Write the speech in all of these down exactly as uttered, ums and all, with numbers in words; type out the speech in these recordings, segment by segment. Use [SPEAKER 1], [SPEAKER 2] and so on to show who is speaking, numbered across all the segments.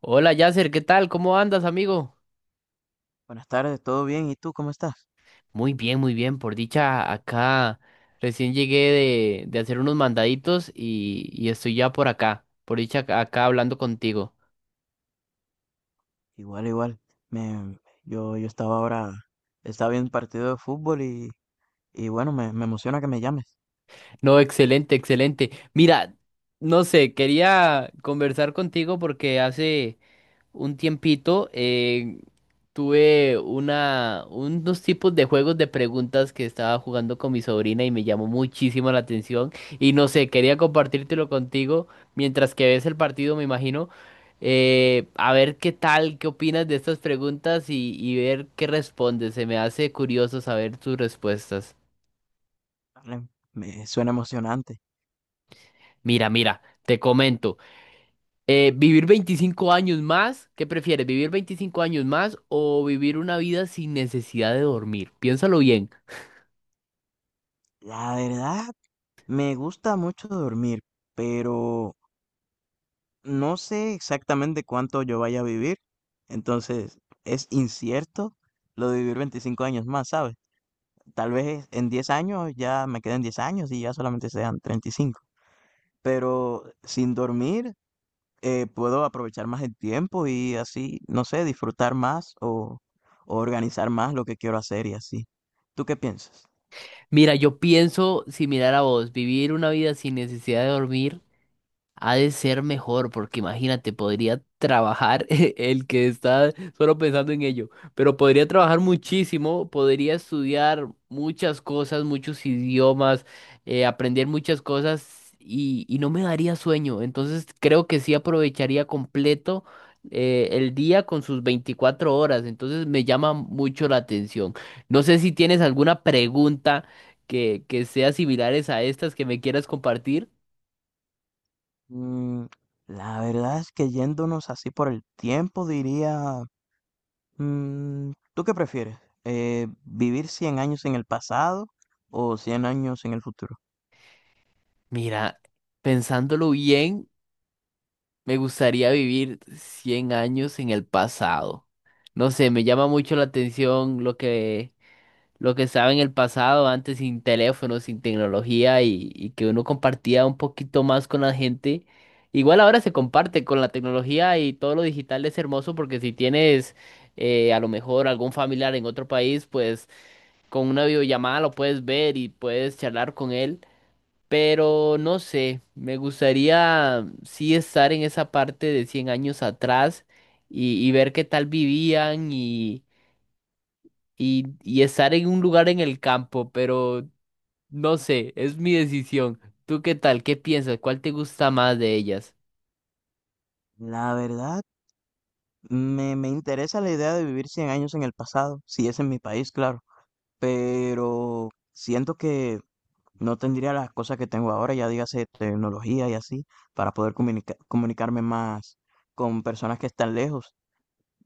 [SPEAKER 1] Hola Yasser, ¿qué tal? ¿Cómo andas, amigo?
[SPEAKER 2] Buenas tardes, ¿todo bien? ¿Y tú cómo estás?
[SPEAKER 1] Muy bien, muy bien. Por dicha, acá recién llegué de, de hacer unos mandaditos y, y estoy ya por acá. Por dicha, acá acá hablando contigo.
[SPEAKER 2] Igual, igual. Me, yo, yo estaba ahora, estaba viendo un partido de fútbol y, y bueno, me, me emociona que me llames.
[SPEAKER 1] No, excelente, excelente. Mira, no sé, quería conversar contigo porque hace un tiempito eh, tuve una, unos tipos de juegos de preguntas que estaba jugando con mi sobrina y me llamó muchísimo la atención. Y no sé, quería compartírtelo contigo mientras que ves el partido, me imagino. eh, a ver qué tal, qué opinas de estas preguntas y, y ver qué respondes. Se me hace curioso saber tus respuestas.
[SPEAKER 2] Vale, me suena emocionante.
[SPEAKER 1] Mira, mira, te comento. Eh, ¿vivir veinticinco años más? ¿Qué prefieres, vivir veinticinco años más o vivir una vida sin necesidad de dormir? Piénsalo bien.
[SPEAKER 2] La verdad, me gusta mucho dormir, pero no sé exactamente cuánto yo vaya a vivir. Entonces, es incierto lo de vivir veinticinco años más, ¿sabes? Tal vez en diez años ya me queden diez años y ya solamente sean treinta y cinco. Pero sin dormir eh, puedo aprovechar más el tiempo y así, no sé, disfrutar más o, o organizar más lo que quiero hacer y así. ¿Tú qué piensas?
[SPEAKER 1] Mira, yo pienso similar a vos, vivir una vida sin necesidad de dormir ha de ser mejor, porque imagínate, podría trabajar el que está solo pensando en ello, pero podría trabajar muchísimo, podría estudiar muchas cosas, muchos idiomas, eh, aprender muchas cosas y, y no me daría sueño. Entonces creo que sí aprovecharía completo eh, el día con sus veinticuatro horas. Entonces me llama mucho la atención. No sé si tienes alguna pregunta que, que sea similares a estas que me quieras compartir.
[SPEAKER 2] Mm, la verdad es que yéndonos así por el tiempo, diría, mm, ¿tú qué prefieres? Eh, ¿vivir cien años en el pasado o cien años en el futuro?
[SPEAKER 1] Mira, pensándolo bien, me gustaría vivir cien años en el pasado. No sé, me llama mucho la atención lo que, lo que estaba en el pasado, antes sin teléfono, sin tecnología y, y que uno compartía un poquito más con la gente. Igual ahora se comparte con la tecnología y todo lo digital es hermoso porque si tienes eh, a lo mejor algún familiar en otro país, pues con una videollamada lo puedes ver y puedes charlar con él. Pero no sé, me gustaría sí estar en esa parte de cien años atrás y, y ver qué tal vivían y, y, y estar en un lugar en el campo, pero no sé, es mi decisión. ¿Tú qué tal? ¿Qué piensas? ¿Cuál te gusta más de ellas?
[SPEAKER 2] La verdad, me, me interesa la idea de vivir cien años en el pasado, si es en mi país, claro, pero siento que no tendría las cosas que tengo ahora, ya dígase tecnología y así, para poder comunica- comunicarme más con personas que están lejos.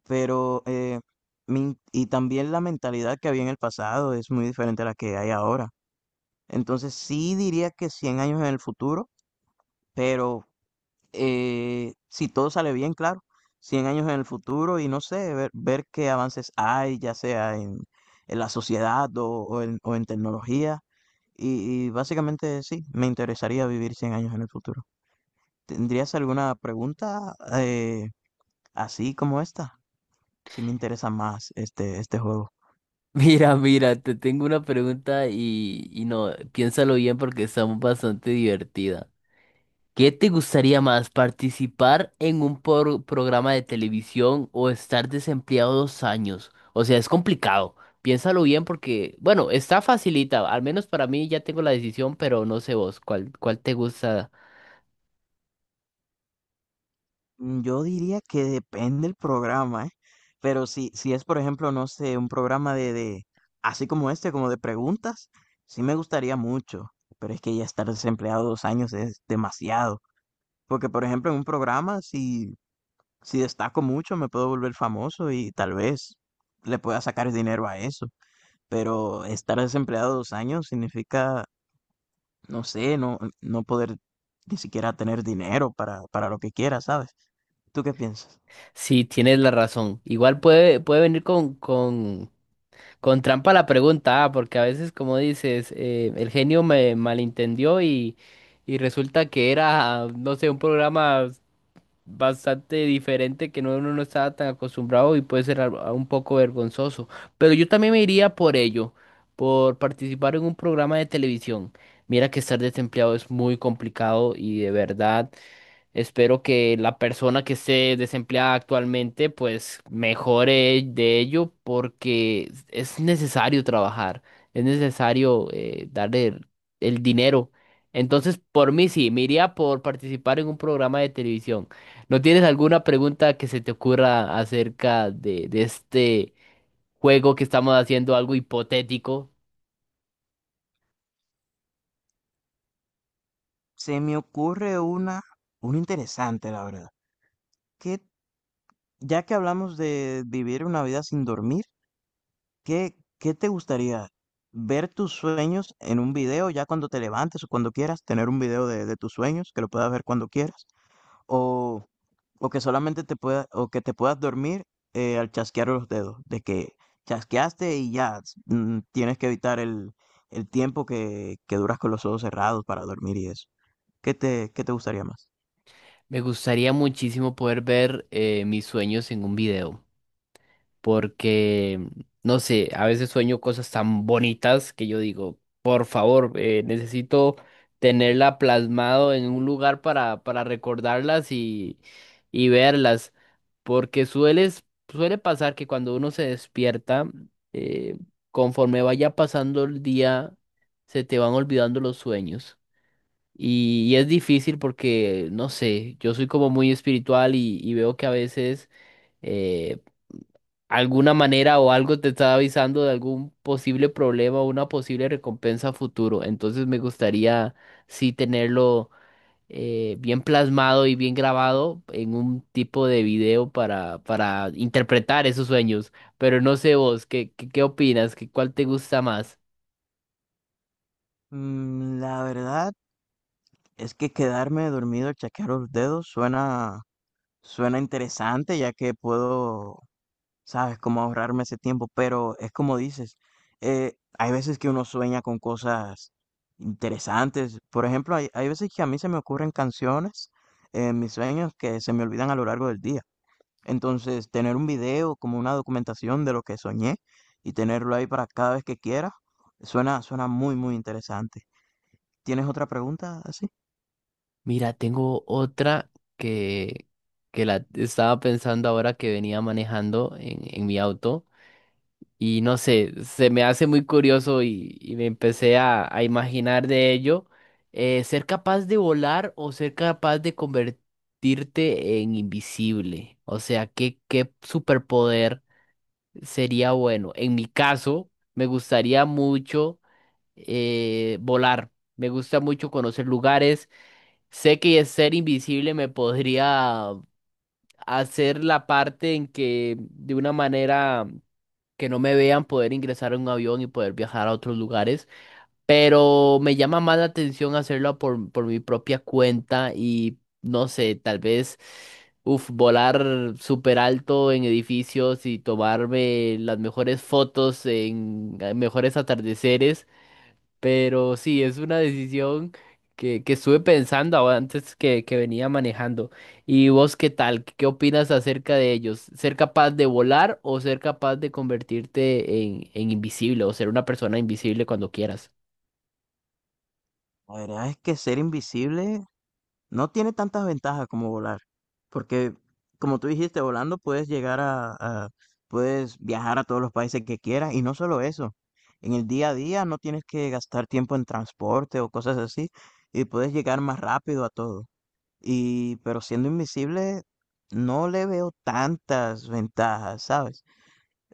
[SPEAKER 2] Pero, eh, mi- y también la mentalidad que había en el pasado es muy diferente a la que hay ahora. Entonces, sí diría que cien años en el futuro, pero eh, si todo sale bien, claro, cien años en el futuro y no sé, ver, ver qué avances hay, ya sea en, en la sociedad o, o en, o en tecnología. Y, y básicamente sí, me interesaría vivir cien años en el futuro. ¿Tendrías alguna pregunta eh, así como esta? Si me interesa más este, este juego.
[SPEAKER 1] Mira, mira, te tengo una pregunta y, y no, piénsalo bien porque está bastante divertida. ¿Qué te gustaría más, participar en un por- programa de televisión o estar desempleado dos años? O sea, es complicado. Piénsalo bien porque, bueno, está facilita. Al menos para mí ya tengo la decisión, pero no sé vos cuál, cuál te gusta.
[SPEAKER 2] Mm, yo diría que depende el programa, ¿eh? Pero si si es, por ejemplo, no sé, un programa de de así como este, como de preguntas, sí me gustaría mucho, pero es que ya estar desempleado dos años es demasiado, porque, por ejemplo, en un programa, si si destaco mucho, me puedo volver famoso y tal vez le pueda sacar dinero a eso, pero estar desempleado dos años significa, no sé, no no poder ni siquiera tener dinero para para lo que quiera, ¿sabes? ¿Tú qué piensas?
[SPEAKER 1] Sí, tienes la razón. Igual puede, puede venir con, con, con trampa la pregunta, ah, porque a veces, como dices, eh, el genio me malentendió y, y resulta que era, no sé, un programa bastante diferente que no, uno no estaba tan acostumbrado y puede ser al- a- un poco vergonzoso. Pero yo también me iría por ello, por participar en un programa de televisión. Mira que estar desempleado es muy complicado y de verdad. Espero que la persona que esté desempleada actualmente pues mejore de ello porque es necesario trabajar, es necesario eh, darle el, el dinero. Entonces, por mí sí, me iría por participar en un programa de televisión. ¿No tienes alguna pregunta que se te ocurra acerca de, de este juego que estamos haciendo, algo hipotético?
[SPEAKER 2] Se me ocurre una, una interesante, la verdad. Que ya que hablamos de vivir una vida sin dormir, ¿qué, qué te gustaría? ¿Ver tus sueños en un video ya cuando te levantes o cuando quieras? ¿Tener un video de, de tus sueños que lo puedas ver cuando quieras? ¿O, o que solamente te pueda, o que te puedas dormir eh, al chasquear los dedos? De que chasqueaste y ya mm, tienes que evitar el, el tiempo que, que duras con los ojos cerrados para dormir y eso. ¿Qué te, qué te gustaría más?
[SPEAKER 1] Me gustaría muchísimo poder ver eh, mis sueños en un video. Porque, no sé, a veces sueño cosas tan bonitas que yo digo, por favor, eh, necesito tenerla plasmado en un lugar para, para recordarlas y, y verlas, porque sueles, suele pasar que cuando uno se despierta, eh, conforme vaya pasando el día, se te van olvidando los sueños. Y, y es difícil porque, no sé, yo soy como muy espiritual y, y veo que a veces... eh, alguna manera o algo te está avisando de algún posible problema o una posible recompensa a futuro. Entonces me gustaría sí tenerlo eh, bien plasmado y bien grabado en un tipo de video para, para interpretar esos sueños. Pero no sé vos, ¿qué, qué, qué opinas? ¿Qué, cuál te gusta más?
[SPEAKER 2] Mm, La verdad es que quedarme dormido al chasquear los dedos suena, suena interesante, ya que puedo, sabes, cómo ahorrarme ese tiempo, pero es como dices, eh, hay veces que uno sueña con cosas interesantes. Por ejemplo, hay, hay veces que a mí se me ocurren canciones en mis sueños que se me olvidan a lo largo del día. Entonces, tener un video como una documentación de lo que soñé y tenerlo ahí para cada vez que quiera, suena, suena muy, muy interesante. ¿Tienes otra pregunta así?
[SPEAKER 1] Mira, tengo otra que, que la estaba pensando ahora que venía manejando en, en mi auto. Y no sé, se me hace muy curioso y, y me empecé a, a imaginar de ello, eh, ser capaz de volar o ser capaz de convertirte en invisible. O sea, ¿qué, qué superpoder sería bueno? En mi caso, me gustaría mucho eh, volar. Me gusta mucho conocer lugares. Sé que ser invisible me podría hacer la parte en que de una manera que no me vean poder ingresar a un avión y poder viajar a otros lugares, pero me llama más la atención hacerlo por, por mi propia cuenta y no sé, tal vez, uf, volar súper alto en edificios y tomarme las mejores fotos en eh, mejores atardeceres. Pero sí, es una decisión que, que estuve pensando ahora antes que, que venía manejando. ¿Y vos qué tal? ¿Qué opinas acerca de ellos? ¿Ser capaz de volar o ser capaz de convertirte en, en invisible o ser una persona invisible cuando quieras?
[SPEAKER 2] La verdad es que ser invisible no tiene tantas ventajas como volar, porque como tú dijiste, volando puedes llegar a, a- puedes viajar a todos los países que quieras y no solo eso. En el día a día no tienes que gastar tiempo en transporte o cosas así y puedes llegar más rápido a todo. Y pero siendo invisible no le veo tantas ventajas, ¿sabes?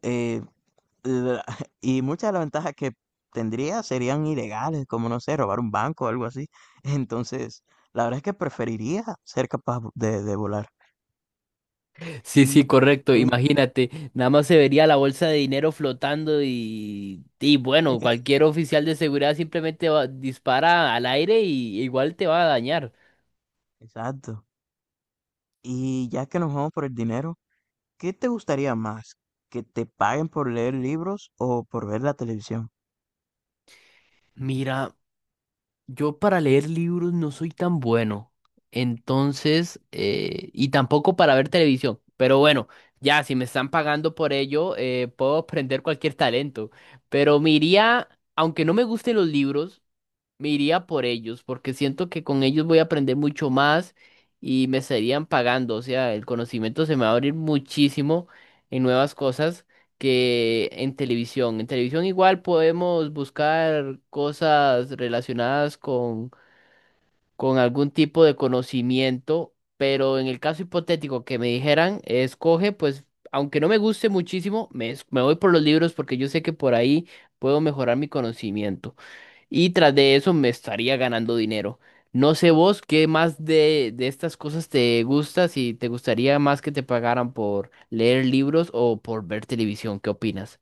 [SPEAKER 2] Eh, la- Y muchas de las ventajas que tendría serían ilegales, como no sé, robar un banco o algo así. Entonces, la verdad es que preferiría ser capaz de, de volar.
[SPEAKER 1] Sí, sí,
[SPEAKER 2] Y
[SPEAKER 1] correcto.
[SPEAKER 2] ten-
[SPEAKER 1] Imagínate, nada más se vería la bolsa de dinero flotando y, y bueno, cualquier oficial de seguridad simplemente va- dispara al aire y igual te va a dañar.
[SPEAKER 2] Exacto. Y ya que nos vamos por el dinero, ¿qué te gustaría más? ¿Que te paguen por leer libros o por ver la televisión?
[SPEAKER 1] Mira. Yo para leer libros no soy tan bueno. Entonces, eh, y tampoco para ver televisión. Pero bueno, ya, si me están pagando por ello, eh, puedo aprender cualquier talento. Pero me iría, aunque no me gusten los libros. Me iría por ellos, porque siento que con ellos voy a aprender mucho más y me estarían pagando. O sea, el conocimiento se me va a abrir muchísimo en nuevas cosas que en televisión. En televisión igual podemos buscar cosas relacionadas con, con algún tipo de conocimiento, pero en el caso hipotético que me dijeran, escoge, pues aunque no me guste muchísimo, me, es- me voy por los libros porque yo sé que por ahí puedo mejorar mi conocimiento y tras de eso me estaría ganando dinero. No sé vos qué más de, de estas cosas te gusta, si te gustaría más que te pagaran por leer libros o por ver televisión, ¿qué opinas?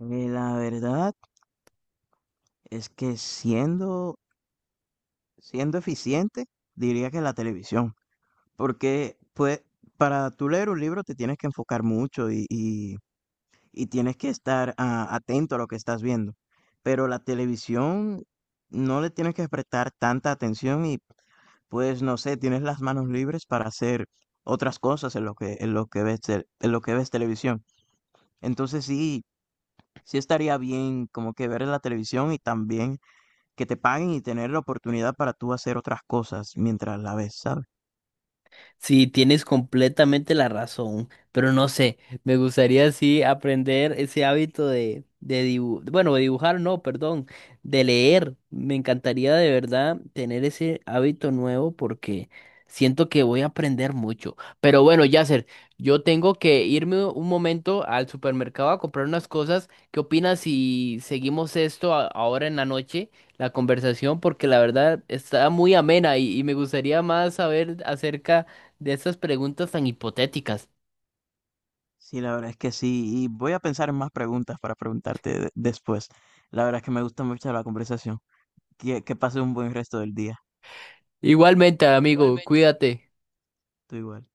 [SPEAKER 2] Eh, La verdad es que siendo, siendo eficiente, diría que la televisión. Porque, pues, para tú leer un libro te tienes que enfocar mucho y, y- y tienes que estar ah, atento a lo que estás viendo. Pero la televisión no le tienes que prestar tanta atención y, pues, no sé, tienes las manos libres para hacer otras cosas en lo que, en lo que ves, tel- en lo que ves televisión. Entonces sí, sí estaría bien como que ver la televisión y también que te paguen y tener la oportunidad para tú hacer otras cosas mientras la ves, ¿sabes?
[SPEAKER 1] Sí, tienes completamente la razón, pero no sé, me gustaría sí aprender ese hábito de, de dibujar, bueno, de dibujar no, perdón, de leer. Me encantaría de verdad tener ese hábito nuevo porque siento que voy a aprender mucho. Pero bueno, Yasser, yo tengo que irme un momento al supermercado a comprar unas cosas. ¿Qué opinas si seguimos esto a- ahora en la noche? La conversación porque la verdad está muy amena y, y me gustaría más saber acerca de esas preguntas tan hipotéticas.
[SPEAKER 2] Sí, la verdad es que sí, y voy a pensar en más preguntas para preguntarte de- después. La verdad es que me gusta mucho la conversación. Que, que pases un buen resto del día.
[SPEAKER 1] Igualmente, amigo, cuídate.
[SPEAKER 2] Tú igual.